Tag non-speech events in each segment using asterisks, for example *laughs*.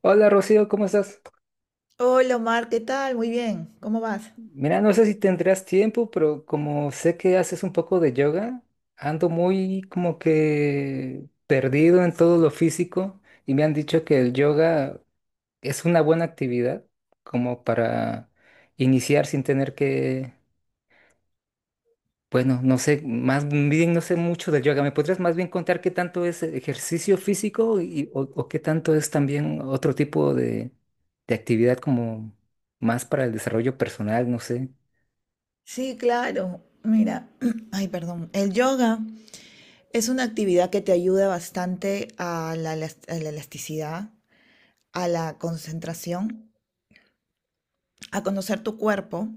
Hola Rocío, ¿cómo estás? Hola Omar, ¿qué tal? Muy bien, ¿cómo vas? Mira, no sé si tendrás tiempo, pero como sé que haces un poco de yoga, ando muy como que perdido en todo lo físico y me han dicho que el yoga es una buena actividad como para iniciar sin tener que, bueno, no sé, más bien no sé mucho del yoga. ¿Me podrías más bien contar qué tanto es ejercicio físico y, o qué tanto es también otro tipo de actividad como más para el desarrollo personal, no sé? Sí, claro. Mira, *clears throat* ay, perdón. El yoga es una actividad que te ayuda bastante a la, elas- a la elasticidad, a la concentración, a conocer tu cuerpo,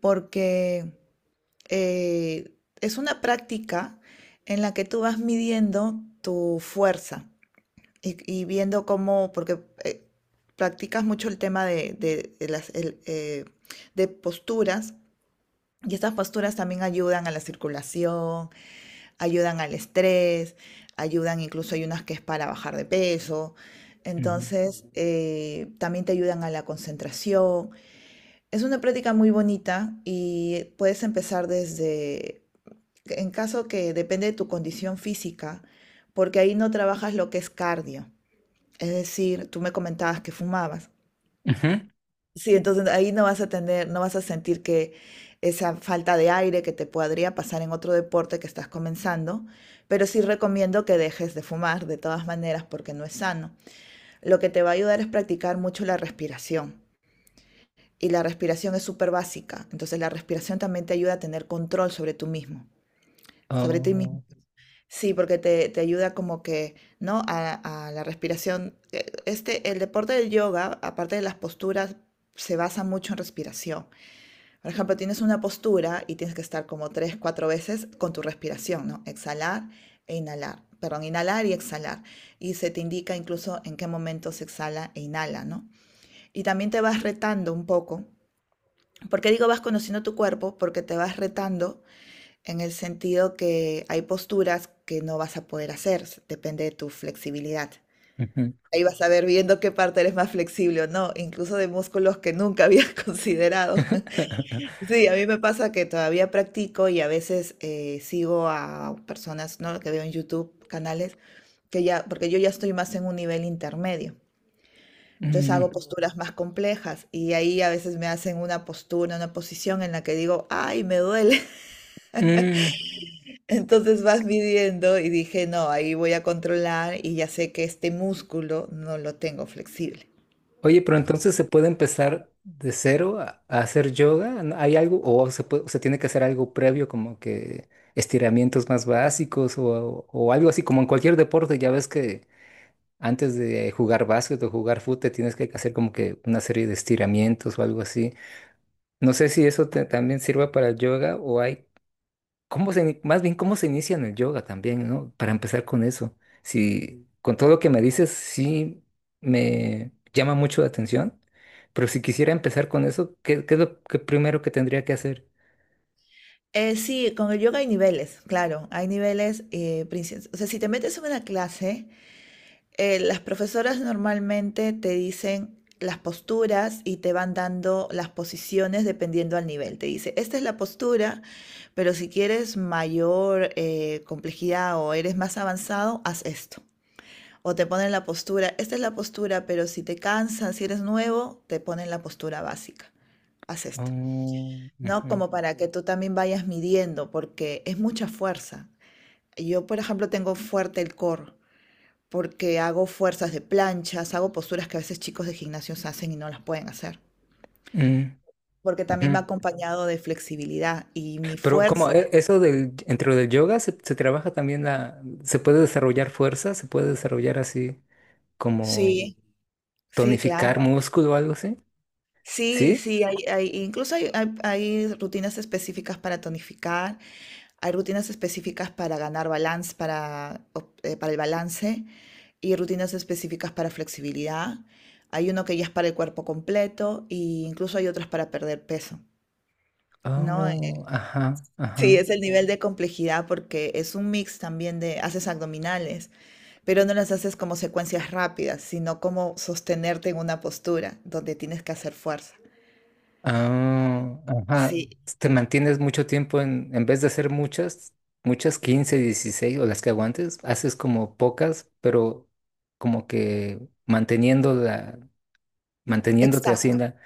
porque eh, es una práctica en la que tú vas midiendo tu fuerza y viendo cómo, porque practicas mucho el tema de posturas. Y estas posturas también ayudan a la circulación, ayudan al estrés, ayudan, incluso hay unas que es para bajar de peso. Ujú. Entonces, también te ayudan a la concentración. Es una práctica muy bonita y puedes empezar desde, en caso, que depende de tu condición física, porque ahí no trabajas lo que es cardio. Es decir, tú me comentabas que fumabas. Ujú. Sí, entonces ahí no vas a tener, no vas a sentir que esa falta de aire que te podría pasar en otro deporte que estás comenzando, pero sí recomiendo que dejes de fumar de todas maneras porque no es sano. Lo que te va a ayudar es practicar mucho la respiración, y la respiración es súper básica. Entonces, la respiración también te ayuda a tener control sobre tú mismo. Sobre ti mismo. Oh, Sí, porque te ayuda como que, ¿no? A la respiración. Este, el deporte del yoga, aparte de las posturas, se basa mucho en respiración. Por ejemplo, tienes una postura y tienes que estar como tres, cuatro veces con tu respiración, ¿no? Exhalar e inhalar. Perdón, inhalar y exhalar. Y se te indica incluso en qué momento se exhala e inhala, ¿no? Y también te vas retando un poco. ¿Por qué digo vas conociendo tu cuerpo? Porque te vas retando en el sentido que hay posturas que no vas a poder hacer, depende de tu flexibilidad. ujú. Ahí vas a ver viendo qué parte eres más flexible o no, incluso de músculos que nunca habías *laughs* considerado. *laughs* Sí, a mí me pasa que todavía practico, y a veces sigo a personas, ¿no? Que veo en YouTube, canales, que ya, porque yo ya estoy más en un nivel intermedio. Entonces hago Mm, posturas más complejas, y ahí a veces me hacen una postura, una posición en la que digo, ay, me duele. mm. *laughs* Entonces vas midiendo y dije, no, ahí voy a controlar, y ya sé que este músculo no lo tengo flexible. Oye, pero entonces se puede empezar de cero a hacer yoga. ¿No? ¿Hay algo? ¿O se tiene que hacer algo previo, como que estiramientos más básicos o algo así, como en cualquier deporte? Ya ves que antes de jugar básquet o jugar fútbol te tienes que hacer como que una serie de estiramientos o algo así. No sé si eso también sirva para el yoga o hay. ¿Cómo más bien cómo se inicia en el yoga también, ¿no? Para empezar con eso. Si con todo lo que me dices, sí me llama mucho la atención, pero si quisiera empezar con eso, ¿¿qué es lo que primero que tendría que hacer? Sí, con el yoga hay niveles, claro, hay niveles, o sea, si te metes en una clase, las profesoras normalmente te dicen las posturas y te van dando las posiciones dependiendo al nivel. Te dice, esta es la postura, pero si quieres mayor complejidad, o eres más avanzado, haz esto. O te ponen la postura, esta es la postura, pero si te cansan, si eres nuevo, te ponen la postura básica. Haz esto. Oh, ¿No? ujú, Como para que tú también vayas midiendo, porque es mucha fuerza. Yo, por ejemplo, tengo fuerte el core, porque hago fuerzas de planchas, hago posturas que a veces chicos de gimnasios hacen y no las pueden hacer, mm, porque también va ujú. acompañado de flexibilidad y mi Pero como fuerza. Eso dentro del yoga se trabaja también se puede desarrollar fuerza, se puede desarrollar así como Sí, sí, tonificar claro. músculo o algo así, Sí, ¿sí? sí, incluso hay rutinas específicas para tonificar, hay rutinas específicas para ganar balance, para el balance, y rutinas específicas para flexibilidad. Hay uno que ya es para el cuerpo completo, e incluso hay otras para perder peso, ¿no? Oh, ajá, Sí, ajá. es el nivel de complejidad, porque es un mix también de haces abdominales, pero no las haces como secuencias rápidas, sino como sostenerte en una postura donde tienes que hacer fuerza. Ah, ajá. Sí, Te mantienes mucho tiempo en vez de hacer muchas, muchas 15, 16 o las que aguantes, haces como pocas, pero como que manteniendo manteniéndote así en exacto. la.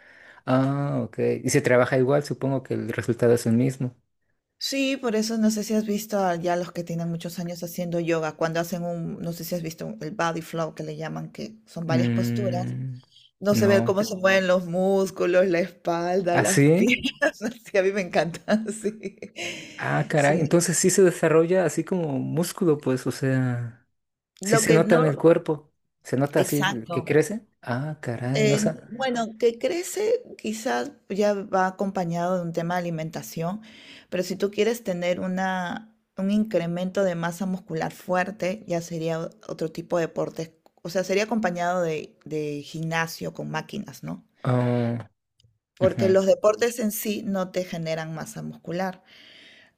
Ah, ok. Y se trabaja igual, supongo que el resultado es el mismo. Sí, por eso no sé si has visto a ya los que tienen muchos años haciendo yoga, cuando hacen un, no sé si has visto el body flow, que le llaman, que son varias posturas. Mm, No se ve cómo no. se, ujú, mueven los músculos, la espalda, ¿Ah, las sí? piernas. *laughs* Sí, a mí me encanta, *laughs* sí. Ah, caray. Sí, Entonces sí se desarrolla así como músculo, pues, o sea, sí lo se que nota en no, el cuerpo. Se nota así que exacto. crece. Ah, caray, no sé. Bueno, que crece quizás ya va acompañado de un tema de alimentación, pero si tú quieres tener una, un incremento de masa muscular fuerte, ya sería otro tipo de deportes. O sea, sería acompañado de, gimnasio con máquinas, ¿no? Ah, Porque ujú. los deportes en sí no te generan masa muscular.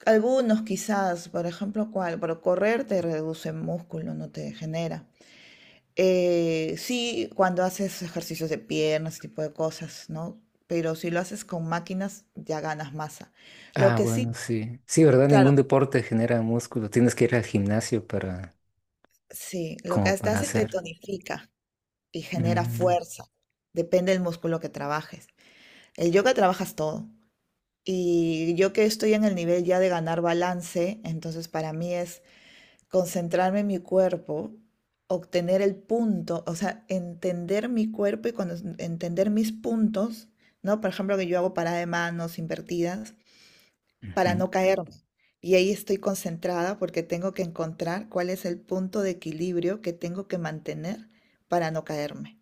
Algunos quizás, por ejemplo, ¿cuál? Pero correr te reduce músculo, no te genera. Sí, cuando haces ejercicios de piernas, ese tipo de cosas, ¿no? Pero si lo haces con máquinas, ya ganas masa. Lo Ah, que bueno, sí, sí. Sí, ¿verdad? Ningún claro, deporte genera músculo. Tienes que ir al gimnasio para, sí, lo que como hasta para hace, te hacer. tonifica y genera Mm, fuerza. Depende del músculo que trabajes. El yoga trabajas todo. Y yo, que estoy en el nivel ya de ganar balance, entonces para mí es concentrarme en mi cuerpo, obtener el punto, o sea, entender mi cuerpo, y cuando entender mis puntos, ¿no? Por ejemplo, que yo hago parada de manos invertidas para ujú. no caerme. Y ahí estoy concentrada porque tengo que encontrar cuál es el punto de equilibrio que tengo que mantener para no caerme.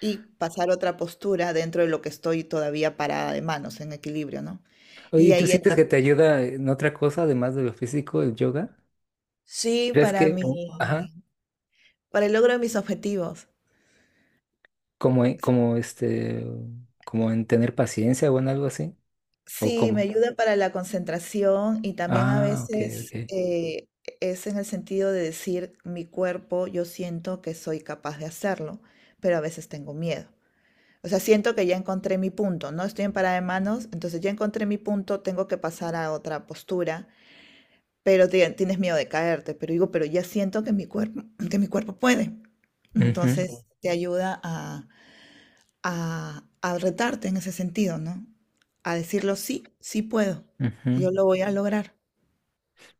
Y pasar a otra postura, dentro de lo que estoy todavía parada de manos, en equilibrio, ¿no? Oye, Y ¿y tú ahí sientes entra. que te ayuda en otra cosa además de lo físico, el yoga? Sí, ¿Crees para que, mi ajá, para el logro de mis objetivos. como, como este, como en tener paciencia o en algo así? ¿O Sí, me cómo? ayuda para la concentración, y también a Ah, ok, ok. veces es en el sentido de decir, mi cuerpo, yo siento que soy capaz de hacerlo, pero a veces tengo miedo. O sea, siento que ya encontré mi punto, ¿no? Estoy en parada de manos, entonces ya encontré mi punto, tengo que pasar a otra postura, pero tienes miedo de caerte, pero digo, pero ya siento que mi cuerpo puede. Ujú, Entonces te ayuda a retarte en ese sentido, ¿no? A decirlo, sí, sí puedo, ujú. yo lo voy a lograr.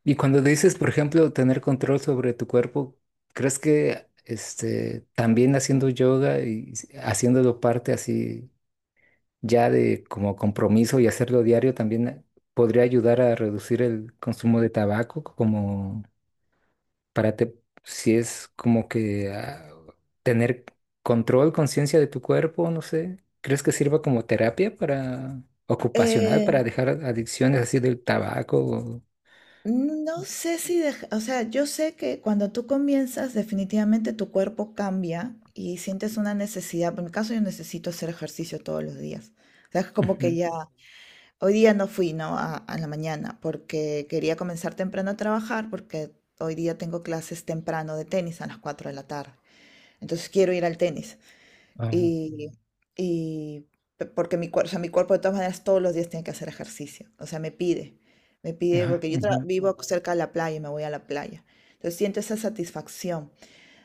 Y cuando dices, por ejemplo, tener control sobre tu cuerpo, ¿crees que este, también haciendo yoga y haciéndolo parte así ya de como compromiso y hacerlo diario también podría ayudar a reducir el consumo de tabaco como para si es como que tener control, conciencia de tu cuerpo, no sé, ¿crees que sirva como terapia para ocupacional Eh, para dejar adicciones así del tabaco? no sé si, dej- o sea, yo sé que cuando tú comienzas, definitivamente tu cuerpo cambia y sientes una necesidad. Bueno, en mi caso, yo necesito hacer ejercicio todos los días. O sea, es como que Ujú. ya, hoy día no fui, ¿no? A la mañana, porque quería comenzar temprano a trabajar, porque hoy día tengo clases temprano de tenis a las 4 de la tarde. Entonces quiero ir al tenis. Ah, Y, y porque mi cuerpo, o sea, mi cuerpo, de todas maneras, todos los días tiene que hacer ejercicio. O sea, me pide, me pide, ah, porque yo ujú. vivo cerca de la playa y me voy a la playa. Entonces siento esa satisfacción.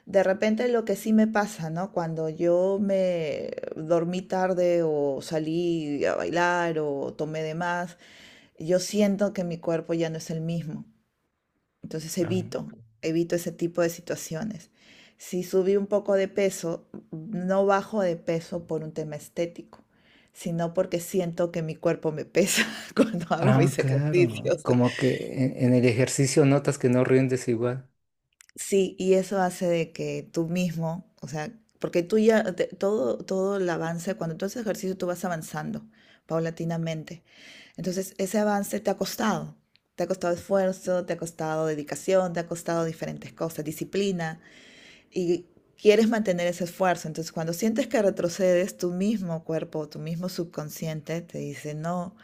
De repente lo que sí me pasa, ¿no? Cuando yo me dormí tarde, o salí a bailar, o tomé de más, yo siento que mi cuerpo ya no es el mismo. Entonces Ah, evito ese tipo de situaciones. Si subí un poco de peso, no bajo de peso por un tema estético, sino porque siento que mi cuerpo me pesa *laughs* cuando hago ah, mis claro, ejercicios. como que en el ejercicio notas que no rindes igual. Sí, y eso hace de que tú mismo, o sea, porque tú ya, todo el avance, cuando tú haces ejercicio, tú vas avanzando paulatinamente. Entonces, ese avance te ha costado. Te ha costado esfuerzo, te ha costado dedicación, te ha costado diferentes cosas, disciplina. Y quieres mantener ese esfuerzo. Entonces, cuando sientes que retrocedes, tu mismo cuerpo, tu mismo subconsciente te dice, no,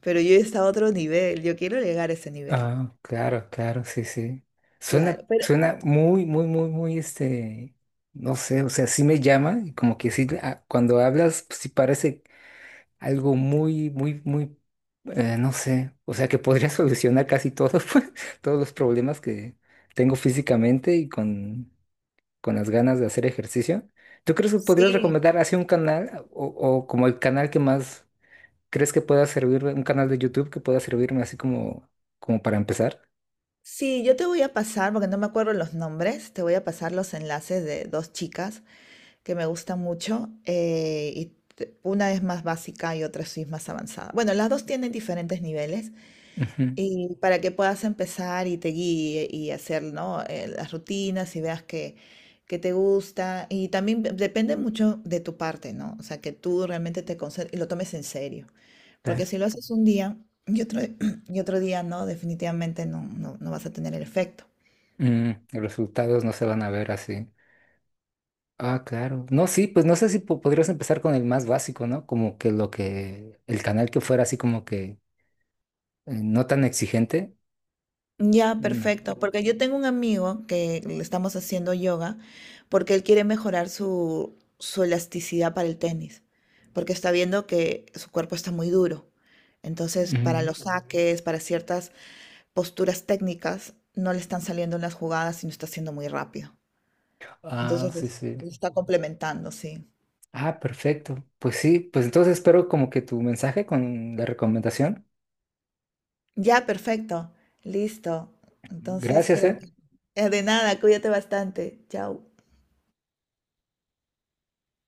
pero yo está a otro nivel, yo quiero llegar a ese nivel. Ah, claro, claro, sí, sí. Claro, Suena, pero suena muy, muy, muy, muy, no sé, o sea, sí me llama y como que sí, cuando hablas, pues, sí parece algo muy, muy, muy, no sé, o sea, que podría *laughs* solucionar casi todos, *laughs* pues, todos los problemas que tengo físicamente y con las ganas de hacer ejercicio. ¿Tú crees que podrías sí, recomendar así un canal o como el canal que más crees que pueda servirme, un canal de YouTube que pueda servirme así como para empezar? sí, yo te voy a pasar, porque no me acuerdo los nombres, te voy a pasar los enlaces de dos chicas que me gustan mucho. Y una es más básica y otra sí es más avanzada. Bueno, las dos tienen diferentes niveles, Ujú, y para que puedas empezar y te guíe y hacer, ¿no? Las rutinas, y veas que te gusta. Y también depende mucho de tu parte, ¿no? O sea, que tú realmente te concentres y lo tomes en serio. Porque claro. si lo haces un día y otro, *clears throat* y otro día, no, definitivamente no, no, no vas a tener el efecto. Mm, los resultados no se van a ver así. Ah, claro. No, sí, pues no sé si podrías empezar con el más básico, ¿no? Como que el canal que fuera así como que no tan exigente. Ya, Mm, perfecto, porque yo tengo un amigo que le estamos haciendo yoga, porque él quiere mejorar su elasticidad para el tenis, porque está viendo que su cuerpo está muy duro. Entonces, para ujú. los, ujú, saques, para ciertas posturas técnicas, no le están saliendo las jugadas y no está siendo muy rápido. Ah, Entonces, sí, sí. lo está complementando, sí. Ah, perfecto. Pues sí, pues entonces espero como que tu mensaje con la recomendación. Ya, perfecto, listo. Entonces, Gracias, creo ¿eh? que. De nada, cuídate bastante. Chao.